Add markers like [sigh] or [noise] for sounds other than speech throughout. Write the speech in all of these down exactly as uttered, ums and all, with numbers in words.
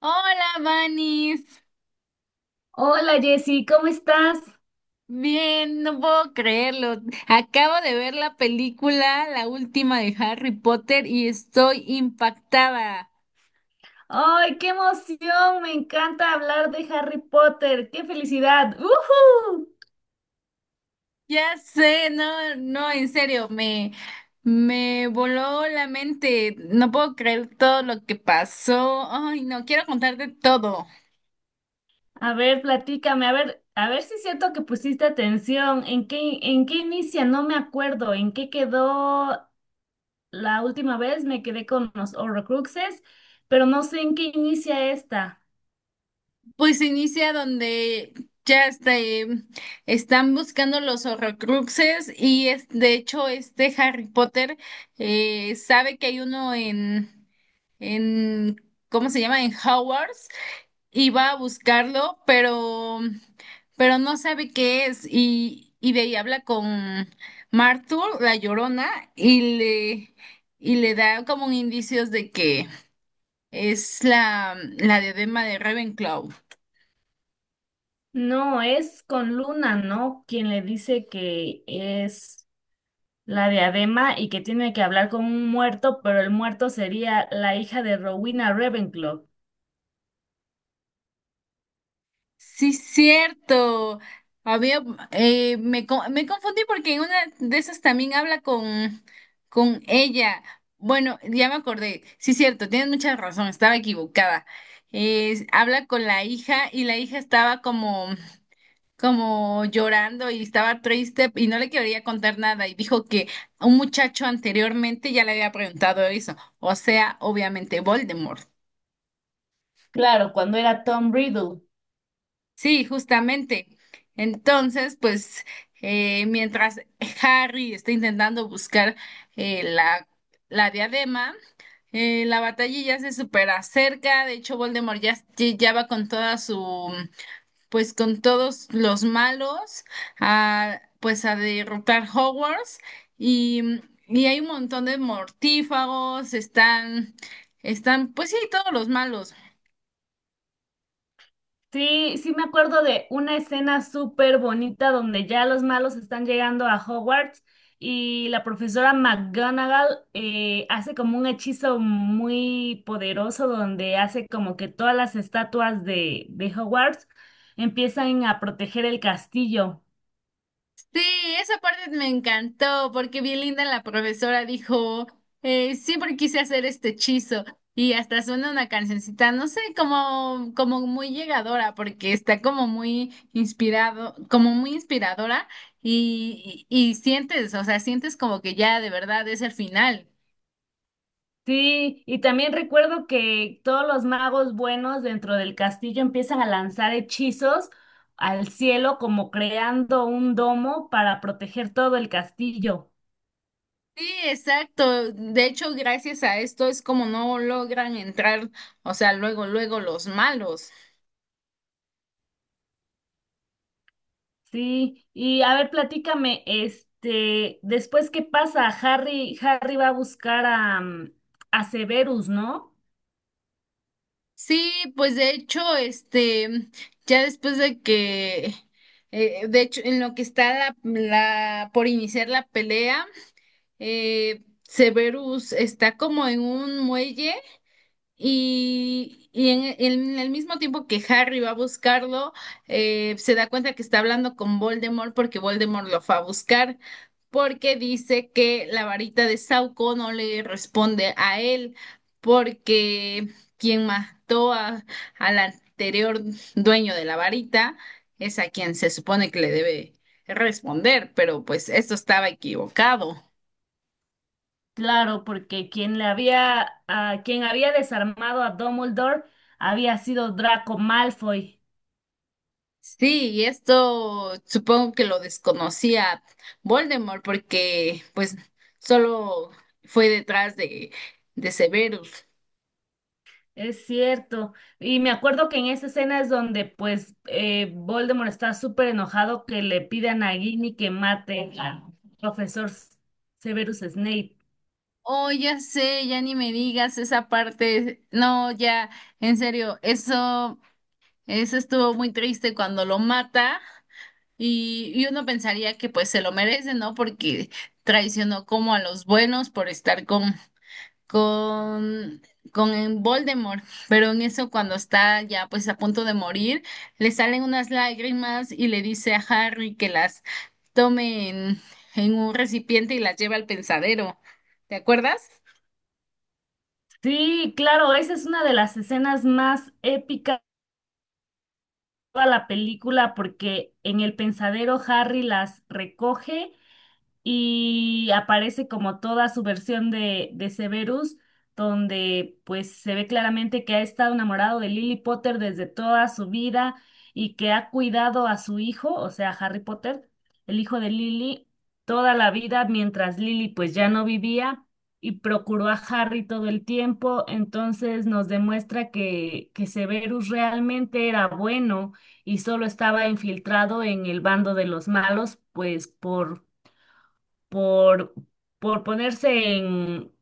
Hola, Vanis. Hola Jessy, ¿cómo estás? Bien, no puedo creerlo. Acabo de ver la película, la última de Harry Potter, y estoy impactada. ¡Ay, qué emoción! Me encanta hablar de Harry Potter. ¡Qué felicidad! ¡Ujú! Ya sé, no, no, en serio, me, me voló la mente. No puedo creer todo lo que pasó. Ay, no, quiero contarte todo. A ver, platícame, a ver, a ver si es cierto que pusiste atención. ¿En qué, en qué inicia? No me acuerdo. ¿En qué quedó la última vez? Me quedé con los Horrocruxes, pero no sé en qué inicia esta. Pues inicia donde ya este, están buscando los Horrocruxes y es, de hecho este Harry Potter eh, sabe que hay uno en, en, ¿cómo se llama? En Hogwarts y va a buscarlo, pero, pero no sabe qué es y, y de ahí habla con Martur, la Llorona, y le, y le da como indicios de que es la, la diadema de Ravenclaw. No, es con Luna, ¿no? Quien le dice que es. La diadema y que tiene que hablar con un muerto, pero el muerto sería la hija de Rowena Ravenclaw. Sí, cierto. Había, eh, me, co- me confundí porque en una de esas también habla con, con ella. Bueno, ya me acordé. Sí, cierto, tienes mucha razón, estaba equivocada. Eh, habla con la hija y la hija estaba como, como llorando y estaba triste y no le quería contar nada y dijo que un muchacho anteriormente ya le había preguntado eso, o sea, obviamente Voldemort. Claro, cuando era Tom Riddle. Sí, justamente. Entonces, pues, eh, mientras Harry está intentando buscar eh, la, la diadema, eh, la batalla ya se supera cerca. De hecho, Voldemort ya, ya va con toda su, pues, con todos los malos, a, pues, a derrotar Hogwarts. Y, y hay un montón de mortífagos, están, están, pues sí, todos los malos. Sí, sí me acuerdo de una escena súper bonita donde ya los malos están llegando a Hogwarts y la profesora McGonagall eh, hace como un hechizo muy poderoso donde hace como que todas las estatuas de, de Hogwarts empiezan a proteger el castillo. Sí, esa parte me encantó porque bien linda la profesora dijo, eh, siempre quise hacer este hechizo y hasta suena una cancioncita, no sé, como, como muy llegadora porque está como muy inspirado, como muy inspiradora y, y, y sientes, o sea, sientes como que ya de verdad es el final. Sí, y también recuerdo que todos los magos buenos dentro del castillo empiezan a lanzar hechizos al cielo, como creando un domo para proteger todo el castillo. Sí, exacto. De hecho, gracias a esto es como no logran entrar, o sea, luego, luego los malos. Sí, y a ver, platícame, este, después qué pasa, Harry, Harry va a buscar a, mm, a Severus, ¿no? Sí, pues de hecho, este, ya después de que, eh, de hecho, en lo que está la, la- por iniciar la pelea, eh, Severus está como en un muelle y, y en, en el mismo tiempo que Harry va a buscarlo, eh, se da cuenta que está hablando con Voldemort porque Voldemort lo fue a buscar, porque dice que la varita de Sauco no le responde a él, porque quien mató a, al anterior dueño de la varita es a quien se supone que le debe responder, pero pues esto estaba equivocado. Claro, porque quien le había, a quien había desarmado a Dumbledore había sido Draco Malfoy. Sí, y esto supongo que lo desconocía Voldemort porque pues solo fue detrás de, de Severus. Es cierto. Y me acuerdo que en esa escena es donde pues eh, Voldemort está súper enojado que le pidan a Nagini que mate al profesor Severus Snape. Oh, ya sé, ya ni me digas esa parte. No, ya, en serio, eso, eso estuvo muy triste cuando lo mata y, y uno pensaría que pues se lo merece, ¿no? Porque traicionó como a los buenos por estar con, con, con en Voldemort, pero en eso cuando está ya pues a punto de morir, le salen unas lágrimas y le dice a Harry que las tome en, en un recipiente y las lleve al pensadero. ¿Te acuerdas? Sí, claro, esa es una de las escenas más épicas de toda la película porque en el pensadero Harry las recoge y aparece como toda su versión de, de Severus, donde pues se ve claramente que ha estado enamorado de Lily Potter desde toda su vida y que ha cuidado a su hijo, o sea, Harry Potter, el hijo de Lily, toda la vida mientras Lily pues ya no vivía. Y procuró a Harry todo el tiempo, entonces nos demuestra que, que Severus realmente era bueno y solo estaba infiltrado en el bando de los malos, pues por por, por ponerse en,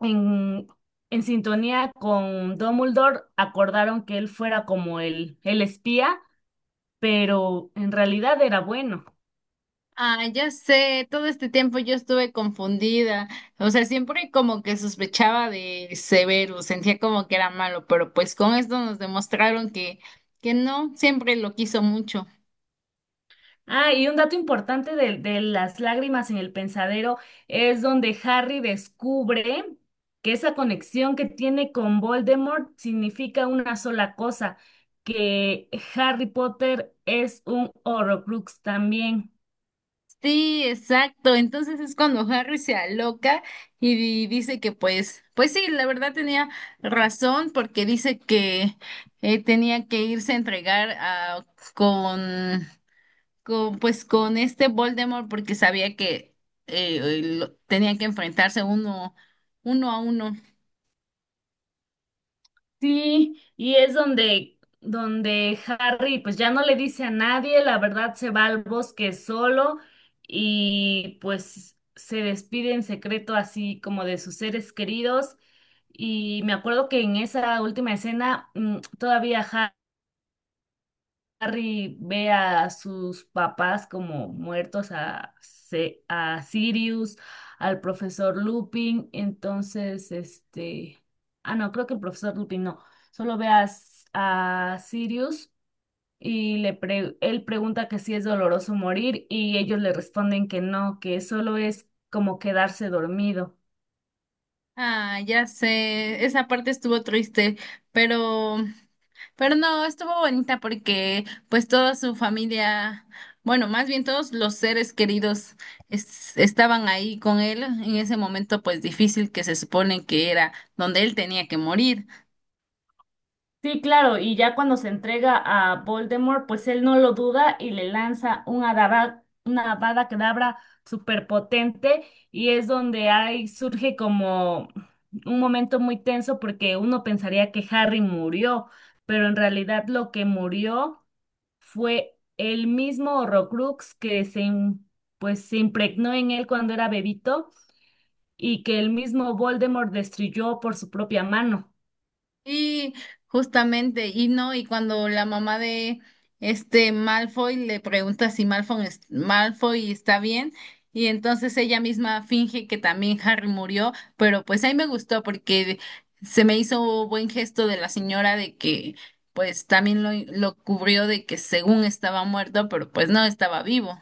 en, en sintonía con Dumbledore, acordaron que él fuera como el, el espía, pero en realidad era bueno. Ah, ya sé, todo este tiempo yo estuve confundida, o sea, siempre como que sospechaba de Severus, sentía como que era malo, pero pues con esto nos demostraron que, que no, siempre lo quiso mucho. Ah, y un dato importante de, de las lágrimas en el pensadero es donde Harry descubre que esa conexión que tiene con Voldemort significa una sola cosa, que Harry Potter es un Horrocrux también. Sí, exacto. Entonces es cuando Harry se aloca y di- dice que pues, pues sí, la verdad tenía razón porque dice que eh, tenía que irse a entregar a, con, con, pues con este Voldemort porque sabía que eh, lo- tenía que enfrentarse uno, uno a uno. Sí, y es donde, donde Harry pues ya no le dice a nadie, la verdad se va al bosque solo y pues se despide en secreto así como de sus seres queridos. Y me acuerdo que en esa última escena mm, todavía Harry ve a sus papás como muertos, a, Se- a Sirius, al profesor Lupin, entonces, este, ah, no, creo que el profesor Lupin no, solo ve a, S- a Sirius y le pre- él pregunta que si es doloroso morir y ellos le responden que no, que solo es como quedarse dormido. Ah, ya sé, esa parte estuvo triste, pero Pero no, estuvo bonita porque pues toda su familia, bueno, más bien todos los seres queridos es- estaban ahí con él en ese momento pues difícil que se supone que era donde él tenía que morir. Sí, claro, y ya cuando se entrega a Voldemort, pues él no lo duda y le lanza una Avada, una Avada Kedavra superpotente y es donde ahí surge como un momento muy tenso porque uno pensaría que Harry murió, pero en realidad lo que murió fue el mismo Horrocrux que se, im- pues, se impregnó en él cuando era bebito y que el mismo Voldemort destruyó por su propia mano. Y justamente, y no, y cuando la mamá de este Malfoy le pregunta si Malfoy, es- Malfoy está bien, y entonces ella misma finge que también [laughs] Harry murió, pero pues ahí me gustó porque se me hizo buen gesto de la señora de que pues también lo, lo cubrió de que según estaba muerto, pero pues no estaba vivo.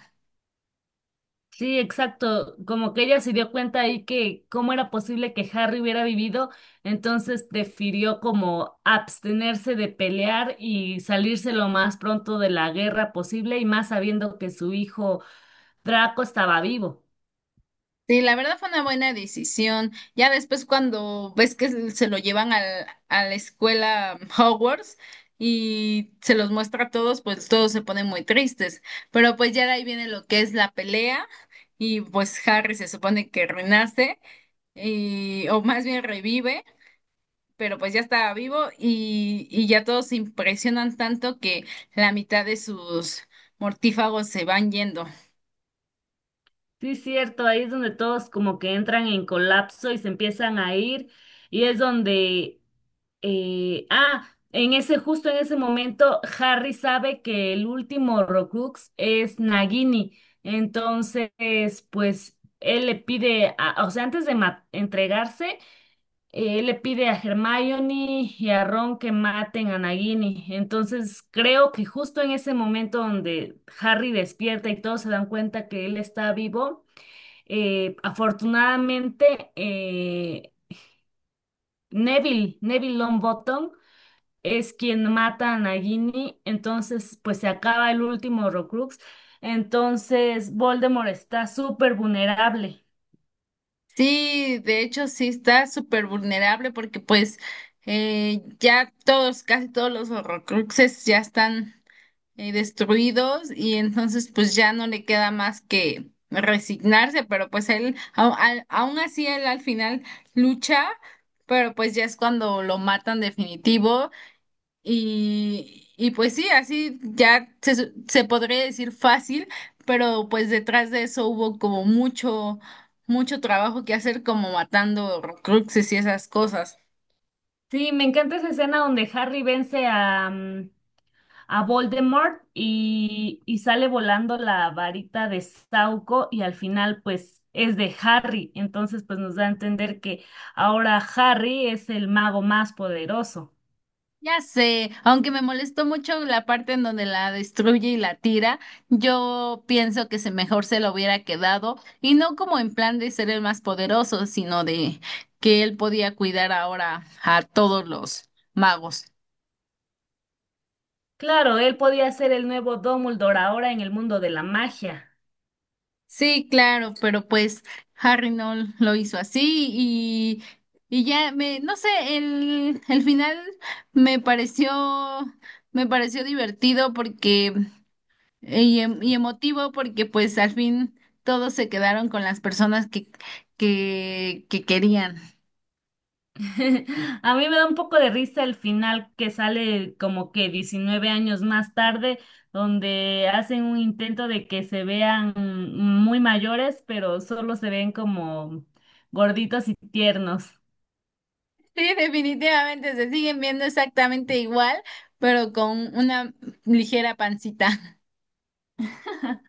Sí, exacto. Como que ella se dio cuenta ahí que cómo era posible que Harry hubiera vivido, entonces prefirió como abstenerse de pelear y salirse lo más pronto de la guerra posible y más sabiendo que su hijo Draco estaba vivo. Sí, la verdad fue una buena decisión. Ya después cuando ves que se lo llevan al, a la escuela [laughs] Hogwarts y se los muestra a todos, pues todos se ponen muy tristes. Pero pues ya de ahí viene lo que es la pelea y pues Harry se supone que renace y, o más bien revive, pero pues ya estaba vivo y, y ya todos se impresionan tanto que la mitad de sus mortífagos se van yendo. Sí, cierto, ahí es donde todos como que entran en colapso y se empiezan a ir y es donde Eh, ah, en ese, justo en ese momento, Harry sabe que el último Horcrux es Nagini. Entonces, pues, él le pide, a- o sea, antes de ma- entregarse, eh, él le pide a Hermione y a Ron que maten a Nagini. Entonces, creo que justo en ese momento donde Harry despierta y todos se dan cuenta que él está vivo, eh, afortunadamente, eh, Neville, Neville Longbottom, es quien mata a Nagini, entonces pues se acaba el último Horcrux, entonces Voldemort está súper vulnerable. Sí, de hecho sí está súper vulnerable porque pues eh, ya todos, casi todos los Horrocruxes ya están eh, destruidos y entonces pues ya no le queda más que resignarse, pero pues él, au- al- aún así él al final lucha, pero pues ya es cuando lo matan definitivo y, y pues sí, así ya se, su- se podría decir fácil, pero pues detrás de eso hubo como mucho, mucho trabajo que hacer, como matando Horcruxes y esas cosas. Sí, me encanta esa escena donde Harry vence a, mm, a Voldemort y, y sale volando la varita de Sauco y al final pues es de Harry, entonces pues nos da a entender que ahora Harry es el mago más poderoso. Ya sé, aunque me molestó mucho la parte en donde la destruye y la tira, yo pienso que se mejor se lo hubiera quedado, y no como en plan de ser el más poderoso, sino de que él podía cuidar ahora a todos los magos. Claro, él podía ser el nuevo Dumbledore ahora en el mundo de la magia. Sí, claro, pero pues Harry no lo hizo así y, y ya me, no sé, el, el final me pareció, me pareció divertido porque y, em- y emotivo porque pues al fin todos se quedaron con las personas que, que, que querían. [laughs] A mí me da un poco de risa el final que sale como que diecinueve años más tarde, donde hacen un intento de que se vean muy mayores, pero solo se ven como gorditos y tiernos. Sí, definitivamente se siguen viendo exactamente igual, pero con una ligera pancita.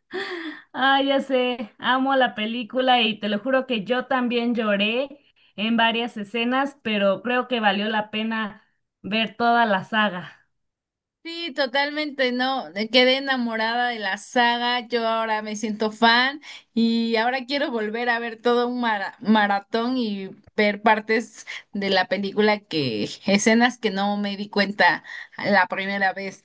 [laughs] Ah, ya sé, amo la película y te lo juro que yo también lloré en varias escenas, pero creo que valió la pena ver toda la saga. Sí, totalmente, no, me quedé enamorada de la saga, yo ahora me siento fan y ahora quiero volver a ver todo un mara- maratón y ver partes de la película que, escenas que no me di cuenta la primera vez.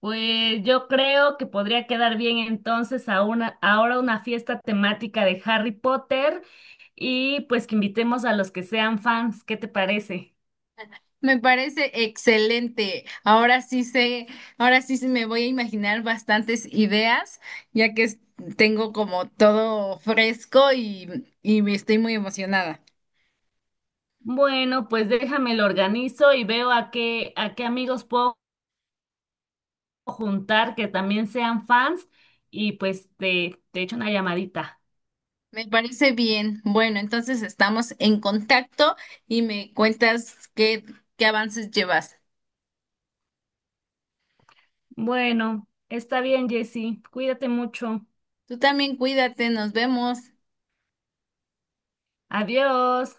Pues yo creo que podría quedar bien entonces a una, ahora una fiesta temática de Harry Potter y pues que invitemos a los que sean fans. ¿Qué te parece? Me parece excelente. Ahora sí sé, ahora sí se me voy a imaginar bastantes ideas, ya que es- tengo como todo fresco y, y me estoy muy emocionada. Bueno, pues déjame lo organizo y veo a qué, a qué amigos puedo juntar que también sean fans y pues te, te echo una llamadita. Me parece bien. Bueno, entonces estamos en contacto y me cuentas qué, qué avances llevas. Bueno, está bien, Jessy. Cuídate mucho. Tú también cuídate, nos vemos. Adiós.